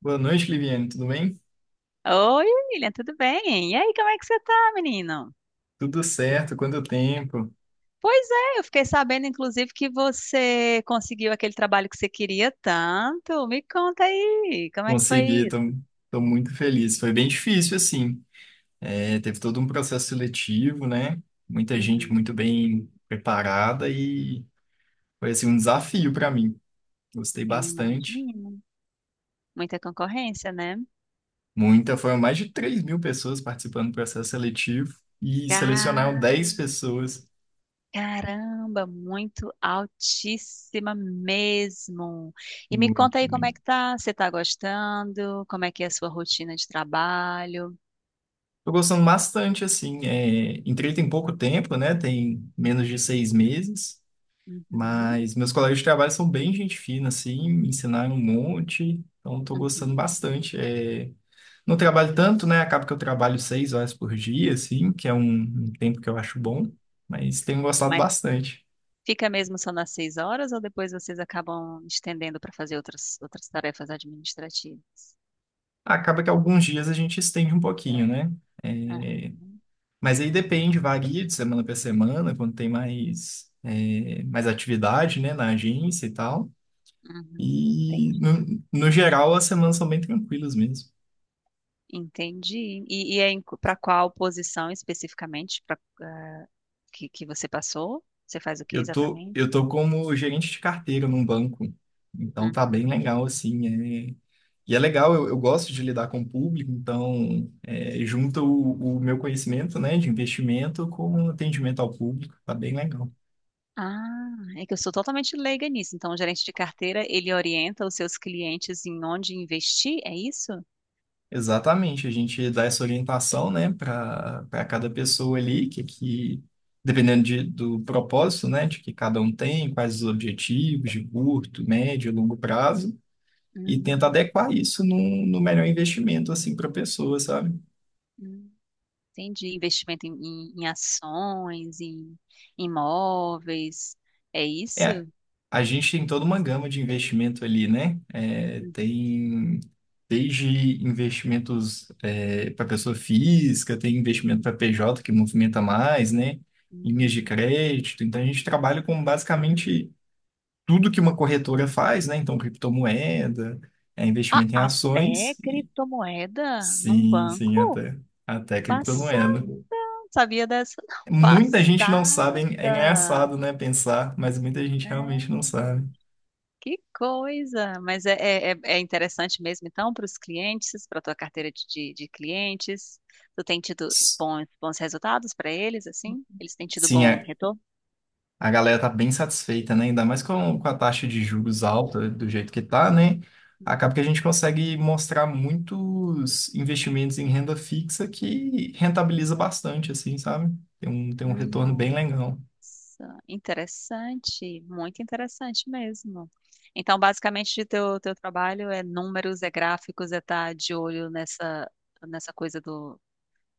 Boa noite, Liviane. Tudo bem? Oi, William, tudo bem? E aí, como é que você tá, menino? Tudo certo? Quanto tempo? Pois é, eu fiquei sabendo, inclusive, que você conseguiu aquele trabalho que você queria tanto. Me conta aí, como é que foi Consegui, isso? estou muito feliz. Foi bem difícil, assim. Teve todo um processo seletivo, né? Muita gente muito Uhum, bem preparada e foi assim, um desafio para mim. Gostei eu bastante. imagino. Muita concorrência, né? Muita, foram mais de 3 mil pessoas participando do processo seletivo e selecionaram Ca- 10 pessoas. Caramba, muito altíssima mesmo. E me conta Muito, aí como é muito. que tá? Você tá gostando? Como é que é a sua rotina de trabalho? Estou gostando bastante, assim. Entrei tem pouco tempo, né? Tem menos de 6 meses. Uhum, Mas meus colegas de trabalho são bem gente fina, assim, me ensinaram um monte, então estou gostando uhum, bastante. Não trabalho tanto, né? Acaba que eu trabalho 6 horas por dia, assim, que é um tempo que eu acho bom, uhum. mas tenho gostado bastante. Fica mesmo só nas 6 horas ou depois vocês acabam estendendo para fazer outras tarefas administrativas? Acaba que alguns dias a gente estende um pouquinho, né? É, Aham, mas aí depende, varia de semana para semana, quando tem mais, é, mais atividade, né, na agência e tal. uhum, E entendi. no geral as semanas são bem tranquilas mesmo. Entendi. E é para qual posição especificamente pra, que você passou? Você faz o que Eu tô, exatamente? eu tô como gerente de carteira num banco, então tá bem Uhum. legal, assim, é... E é legal, eu gosto de lidar com o público, então é, junta o meu conhecimento, né, de investimento com atendimento ao público, tá bem legal. Ah, é que eu sou totalmente leiga nisso. Então, o gerente de carteira, ele orienta os seus clientes em onde investir, é isso? Exatamente, a gente dá essa orientação, né, para cada pessoa ali, que dependendo de, do propósito, né, de que cada um tem, quais os objetivos de curto, médio, longo prazo, e tenta Hum, adequar isso no melhor investimento assim para a pessoa, sabe? hum. Entendi. Investimento em ações, em imóveis. É É, isso? a gente tem toda uma gama de investimento ali, né? É, Uhum. tem desde investimentos para pessoa física, tem investimento para PJ que movimenta mais, né? Linhas de Uhum. crédito. Então a gente trabalha com basicamente tudo que uma corretora faz, né? Então criptomoeda, é, Ah, investimento em até ações e criptomoeda num sim, sim, banco? até até Passada. criptomoeda. Não sabia dessa, não. Muita gente não sabe, hein? É Passada. engraçado, né, pensar, mas muita gente É, realmente não sabe. que coisa. Mas é interessante mesmo, então, para os clientes, para a tua carteira de clientes. Tu tem tido S- bons resultados para eles, assim? Eles têm tido Sim, bom retorno? a galera tá bem satisfeita, né? Ainda mais com a taxa de juros alta do jeito que tá, né? Acaba que a gente consegue mostrar muitos investimentos em renda fixa que rentabiliza bastante, assim, sabe? Tem um retorno bem Uhum. legal. Nossa, interessante, muito interessante mesmo. Então, basicamente, o teu trabalho é números, é gráficos, é estar de olho nessa coisa do,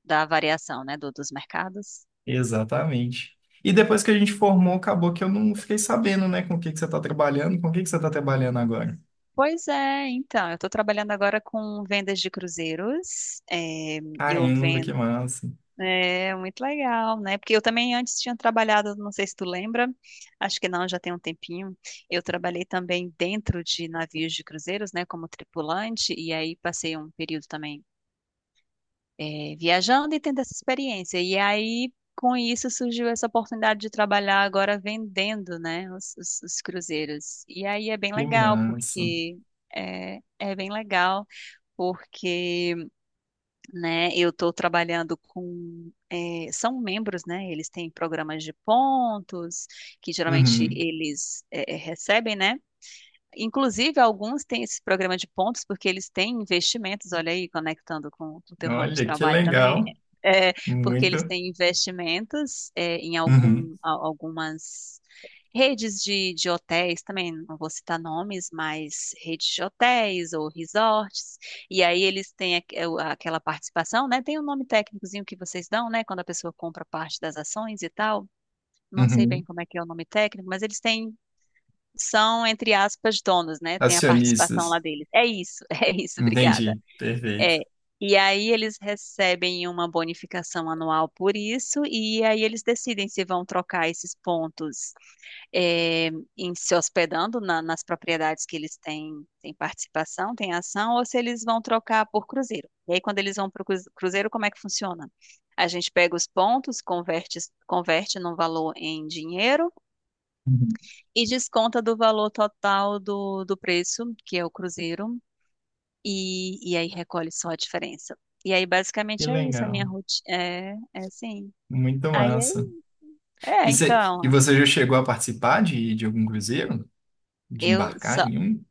da variação, né, do, dos mercados. Exatamente. E depois que a gente formou, acabou que eu não fiquei sabendo, né, com o que que você tá trabalhando, com o que que você tá trabalhando agora. Pois é, então, eu estou trabalhando agora com vendas de cruzeiros. É, eu Caramba, que massa. Muito legal, né? Porque eu também antes tinha trabalhado, não sei se tu lembra, acho que não, já tem um tempinho. Eu trabalhei também dentro de navios de cruzeiros, né, como tripulante, e aí passei um período também viajando e tendo essa experiência. E aí, com isso, surgiu essa oportunidade de trabalhar agora vendendo, né, os cruzeiros. E aí é bem Que legal, massa. porque é bem legal, porque né? Eu estou trabalhando com, são membros, né? Eles têm programas de pontos que geralmente Uhum. eles recebem, né? Inclusive, alguns têm esse programa de pontos porque eles têm investimentos, olha aí, conectando com o teu ramo de Olha, que trabalho também, legal. é, porque eles Muito. têm investimentos é, em Uhum. Algumas redes de hotéis também, não vou citar nomes, mas redes de hotéis ou resorts, e aí eles têm aquela participação, né? Tem um nome técnicozinho que vocês dão, né? Quando a pessoa compra parte das ações e tal. Não sei Uhum. bem como é que é o nome técnico, mas eles têm são, entre aspas, donos, né? Tem a participação lá Acionistas. deles. É isso, é isso, obrigada. Entendi. É. Perfeito. E aí eles recebem uma bonificação anual por isso, e aí eles decidem se vão trocar esses pontos é, em se hospedando nas propriedades que eles têm participação, têm ação, ou se eles vão trocar por cruzeiro. E aí, quando eles vão para o cruzeiro, como é que funciona? A gente pega os pontos, converte num valor em dinheiro Uhum. e desconta do valor total do preço, que é o cruzeiro, e aí recolhe só a diferença. E aí, Que basicamente, é isso, a minha legal. rotina. É assim. Muito Aí, massa. isso. E, e Então, você já chegou a participar de algum cruzeiro? De eu só, embarcar em um?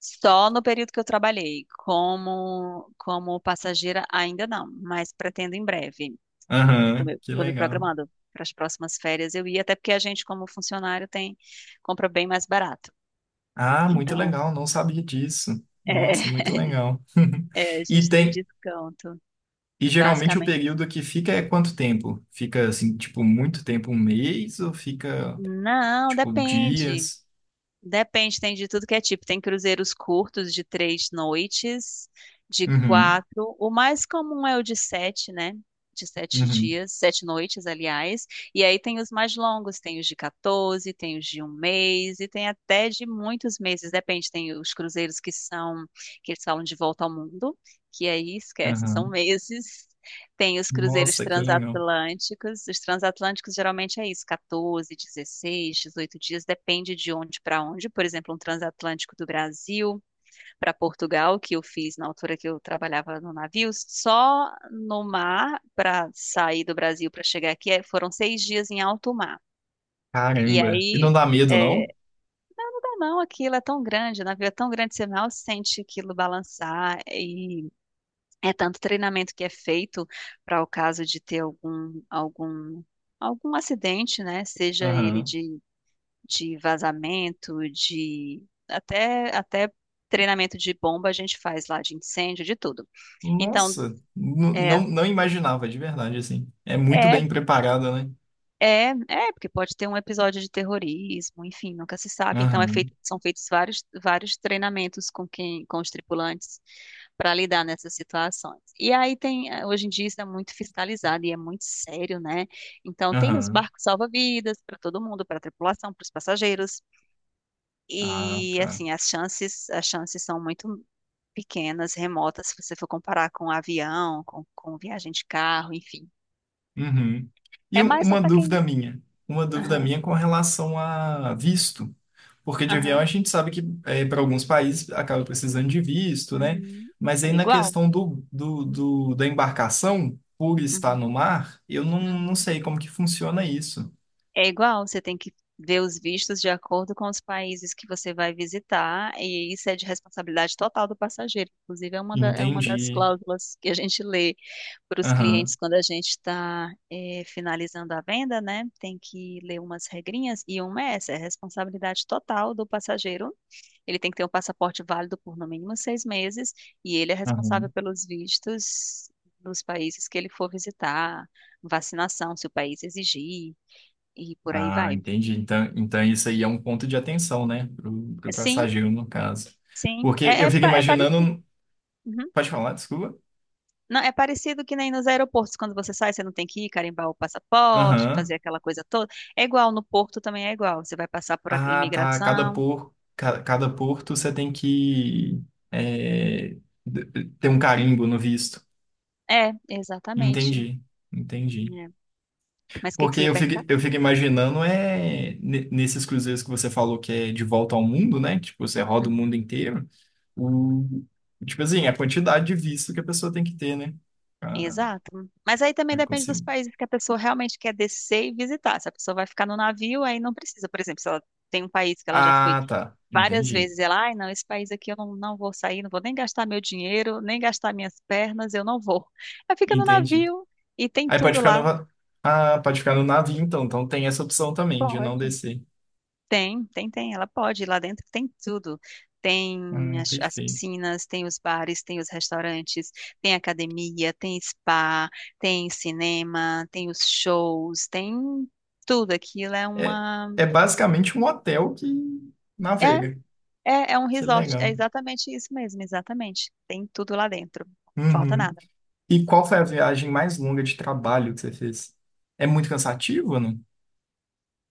só no período que eu trabalhei, como passageira, ainda não, mas pretendo em breve. É, tô Aham, me, que tô me legal. programando para as próximas férias. Eu ia, até porque a gente, como funcionário, tem, compra bem mais barato. Ah, muito Então, legal, não sabia disso. é, Nossa, muito legal. A E gente tem tem, desconto. e geralmente o Basicamente. período que fica é quanto tempo? Fica assim, tipo, muito tempo, um mês, ou fica Não, tipo, depende. dias. Depende, tem de tudo que é tipo. Tem cruzeiros curtos de 3 noites, de Uhum, quatro. O mais comum é o de sete, né? De sete uhum, dias, 7 noites, aliás. E aí tem os mais longos, tem os de 14, tem os de um mês, e tem até de muitos meses. Depende, tem os cruzeiros que são, que eles falam de volta ao mundo, que aí esquece, são aham. meses. Tem os cruzeiros Nossa, que legal. transatlânticos. Os transatlânticos geralmente é isso, 14, 16 18 dias, depende de onde para onde. Por exemplo, um transatlântico do Brasil para Portugal, que eu fiz na altura que eu trabalhava no navio, só no mar para sair do Brasil para chegar aqui foram 6 dias em alto mar. E Caramba. E não aí, dá medo, é, não? não, não, aquilo é tão grande, o navio é tão grande, você mal sente aquilo balançar e é tanto treinamento que é feito para o caso de ter algum acidente, né? Seja ele Aham. de vazamento, de até treinamento de bomba a gente faz lá, de incêndio, de tudo. Então, Nossa, é, não, não imaginava, de verdade, assim. É muito é bem preparada, né? Porque pode ter um episódio de terrorismo, enfim, nunca se sabe. Então Aham, são feitos vários treinamentos com os tripulantes para lidar nessas situações. E aí hoje em dia isso é muito fiscalizado e é muito sério, né? Então tem os aham. barcos salva-vidas para todo mundo, para a tripulação, para os passageiros. Ah, E tá. assim, as chances são muito pequenas, remotas, se você for comparar com avião, com viagem de carro, enfim. Uhum. E É mais só para quem. Uma dúvida Aham, minha com relação a visto, porque de avião a aham. gente sabe que eh, para alguns países acaba precisando de visto, né? Uhum. Mas aí É na igual. questão do, da embarcação, por estar no Uhum. mar, eu não, não Uhum. sei como que funciona isso. É igual, você tem que ver os vistos de acordo com os países que você vai visitar, e isso é de responsabilidade total do passageiro. Inclusive, é uma das Entendi. cláusulas que a gente lê para os Aham, clientes quando a gente está finalizando a venda, né? Tem que ler umas regrinhas, e uma é essa, é responsabilidade total do passageiro. Ele tem que ter um passaporte válido por no mínimo 6 meses, e ele é responsável aham. pelos vistos dos países que ele for visitar, vacinação, se o país exigir. E por aí Ah, vai. entendi. Então, então isso aí é um ponto de atenção, né? Pro Sim, passageiro, no caso. sim. Porque É, eu é, fico pa- é parecido. imaginando. Uhum. Pode falar, desculpa. Não, é parecido que nem nos aeroportos. Quando você sai, você não tem que ir carimbar o passaporte, fazer Aham. aquela coisa toda. É igual, no porto também é igual. Você vai passar por a Ah, tá. Cada imigração. por, cada porto você tem que é, ter um carimbo no visto. É, exatamente. Entendi, entendi. É. Mas o que que Porque você ia eu fico, perguntar? eu fico imaginando é nesses cruzeiros que você falou que é de volta ao mundo, né? Tipo, você roda o Uhum. mundo inteiro. O, tipo assim, a quantidade de visto que a pessoa tem que ter, né? Ah, Exato. Mas aí também depende dos consigo. países que a pessoa realmente quer descer e visitar. Se a pessoa vai ficar no navio, aí não precisa. Por exemplo, se ela tem um país que ela já foi Ah, tá. várias Entendi. vezes ela, ai, não, esse país aqui eu não, não vou sair, não vou nem gastar meu dinheiro, nem gastar minhas pernas, eu não vou. Ela fica no Entendi. navio e tem Aí pode tudo ficar no, lá. Ah, pode ficar no navio, então. Então tem essa opção também de Pode. não descer. Tem, ela pode, lá dentro tem tudo. Tem as Perfeito. piscinas, tem os bares, tem os restaurantes, tem academia, tem spa, tem cinema, tem os shows, tem tudo. Aquilo é É, uma. é basicamente um hotel que É, navega. é um Que resort, é legal. exatamente isso mesmo, exatamente. Tem tudo lá dentro, falta Uhum. nada. E qual foi a viagem mais longa de trabalho que você fez? É muito cansativo, ou não?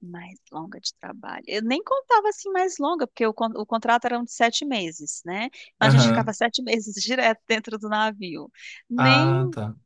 Mais longa de trabalho. Eu nem contava assim mais longa, porque o contrato era um de 7 meses, né? Então a gente ficava Aham. 7 meses direto dentro do navio. Ah, Nem tá.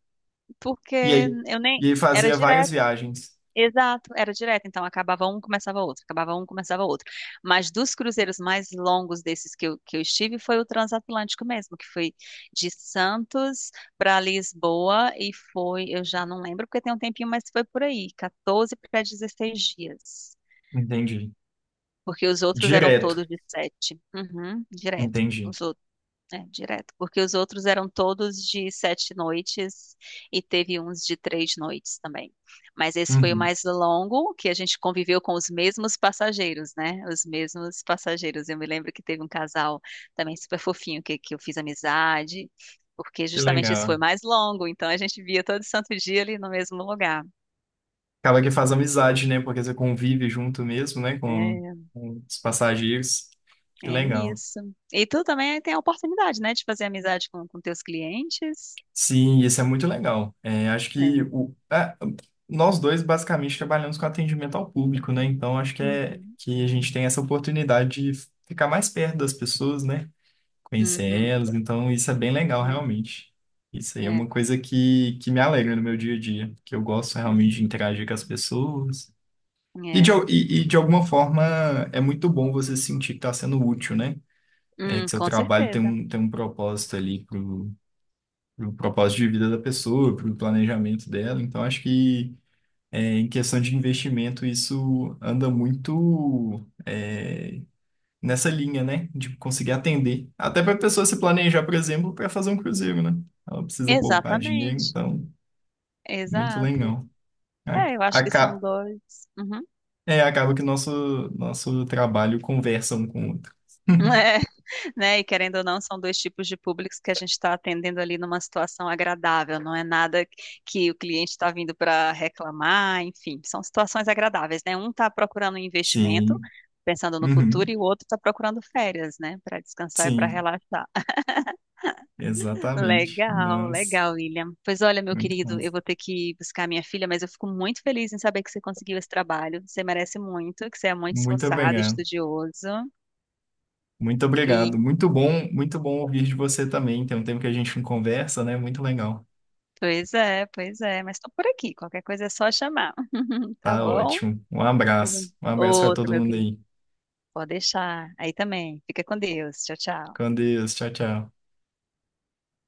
porque E aí? eu E nem. aí Era fazia várias direto, viagens. exato, era direto. Então acabava um, começava outro, acabava um, começava outro. Mas dos cruzeiros mais longos desses que eu estive foi o transatlântico mesmo, que foi de Santos para Lisboa e foi, eu já não lembro porque tem um tempinho, mas foi por aí, quatorze para 16 dias. Entendi. Porque os outros eram Direto. todos de sete. Uhum, direto. Entendi. Os outros, é, direto. Porque os outros eram todos de 7 noites e teve uns de 3 noites também. Mas esse foi o Uhum. mais longo, que a gente conviveu com os mesmos passageiros, né? Os mesmos passageiros. Eu me lembro que teve um casal também super fofinho que eu fiz amizade, porque Que justamente esse foi legal. mais longo, então a gente via todo santo dia ali no mesmo lugar. Acaba que faz amizade, né? Porque você convive junto mesmo, né? É, Com os passageiros. Que É legal. isso. E tu também tem a oportunidade, né, de fazer amizade com teus clientes. Sim, isso é muito legal. É, acho que É. o, é, nós dois basicamente trabalhamos com atendimento ao público, né? Então acho que é Uhum. que a gente tem essa oportunidade de ficar mais perto das pessoas, né? Conhecer Uhum. elas. Então isso é bem legal, realmente. Isso aí É, é é, uma coisa que me alegra no meu dia a dia, que eu gosto realmente de interagir com as pessoas. é. E de, É. E de alguma forma é muito bom você sentir que está sendo útil, né? É que seu com trabalho tem certeza. um propósito ali pro propósito de vida da pessoa, pro planejamento dela. Então, acho que é, em questão de investimento, isso anda muito é, nessa linha, né? De conseguir atender. Até para a pessoa se planejar, por exemplo, para fazer um cruzeiro, né? Ela precisa poupar dinheiro, Exatamente. então, muito Exato. legal. A- É, eu acho que são Acaba, dois. Uhum. é, acaba que nosso, nosso trabalho conversa um com o outro. né? E querendo ou não, são dois tipos de públicos que a gente está atendendo ali numa situação agradável, não é nada que o cliente está vindo para reclamar, enfim, são situações agradáveis, né? Um está procurando um investimento, Sim, pensando no futuro, uhum, e o outro está procurando férias, né? Para descansar e para sim, relaxar. exatamente. Legal, Nós, legal, William. Pois olha, meu muito querido, eu massa. vou ter que buscar minha filha, mas eu fico muito feliz em saber que você conseguiu esse trabalho. Você merece muito, que você é muito Muito esforçado, obrigado. estudioso. Muito obrigado. Muito bom ouvir de você também. Tem um tempo que a gente não conversa, né? Muito legal. Pois é, pois é. Mas estou por aqui. Qualquer coisa é só chamar. Tá Tá bom? ótimo. Um abraço. Um abraço para Outro, todo meu mundo querido. aí. Pode deixar. Aí também. Fica com Deus. Tchau, tchau. Com Deus. Tchau, tchau.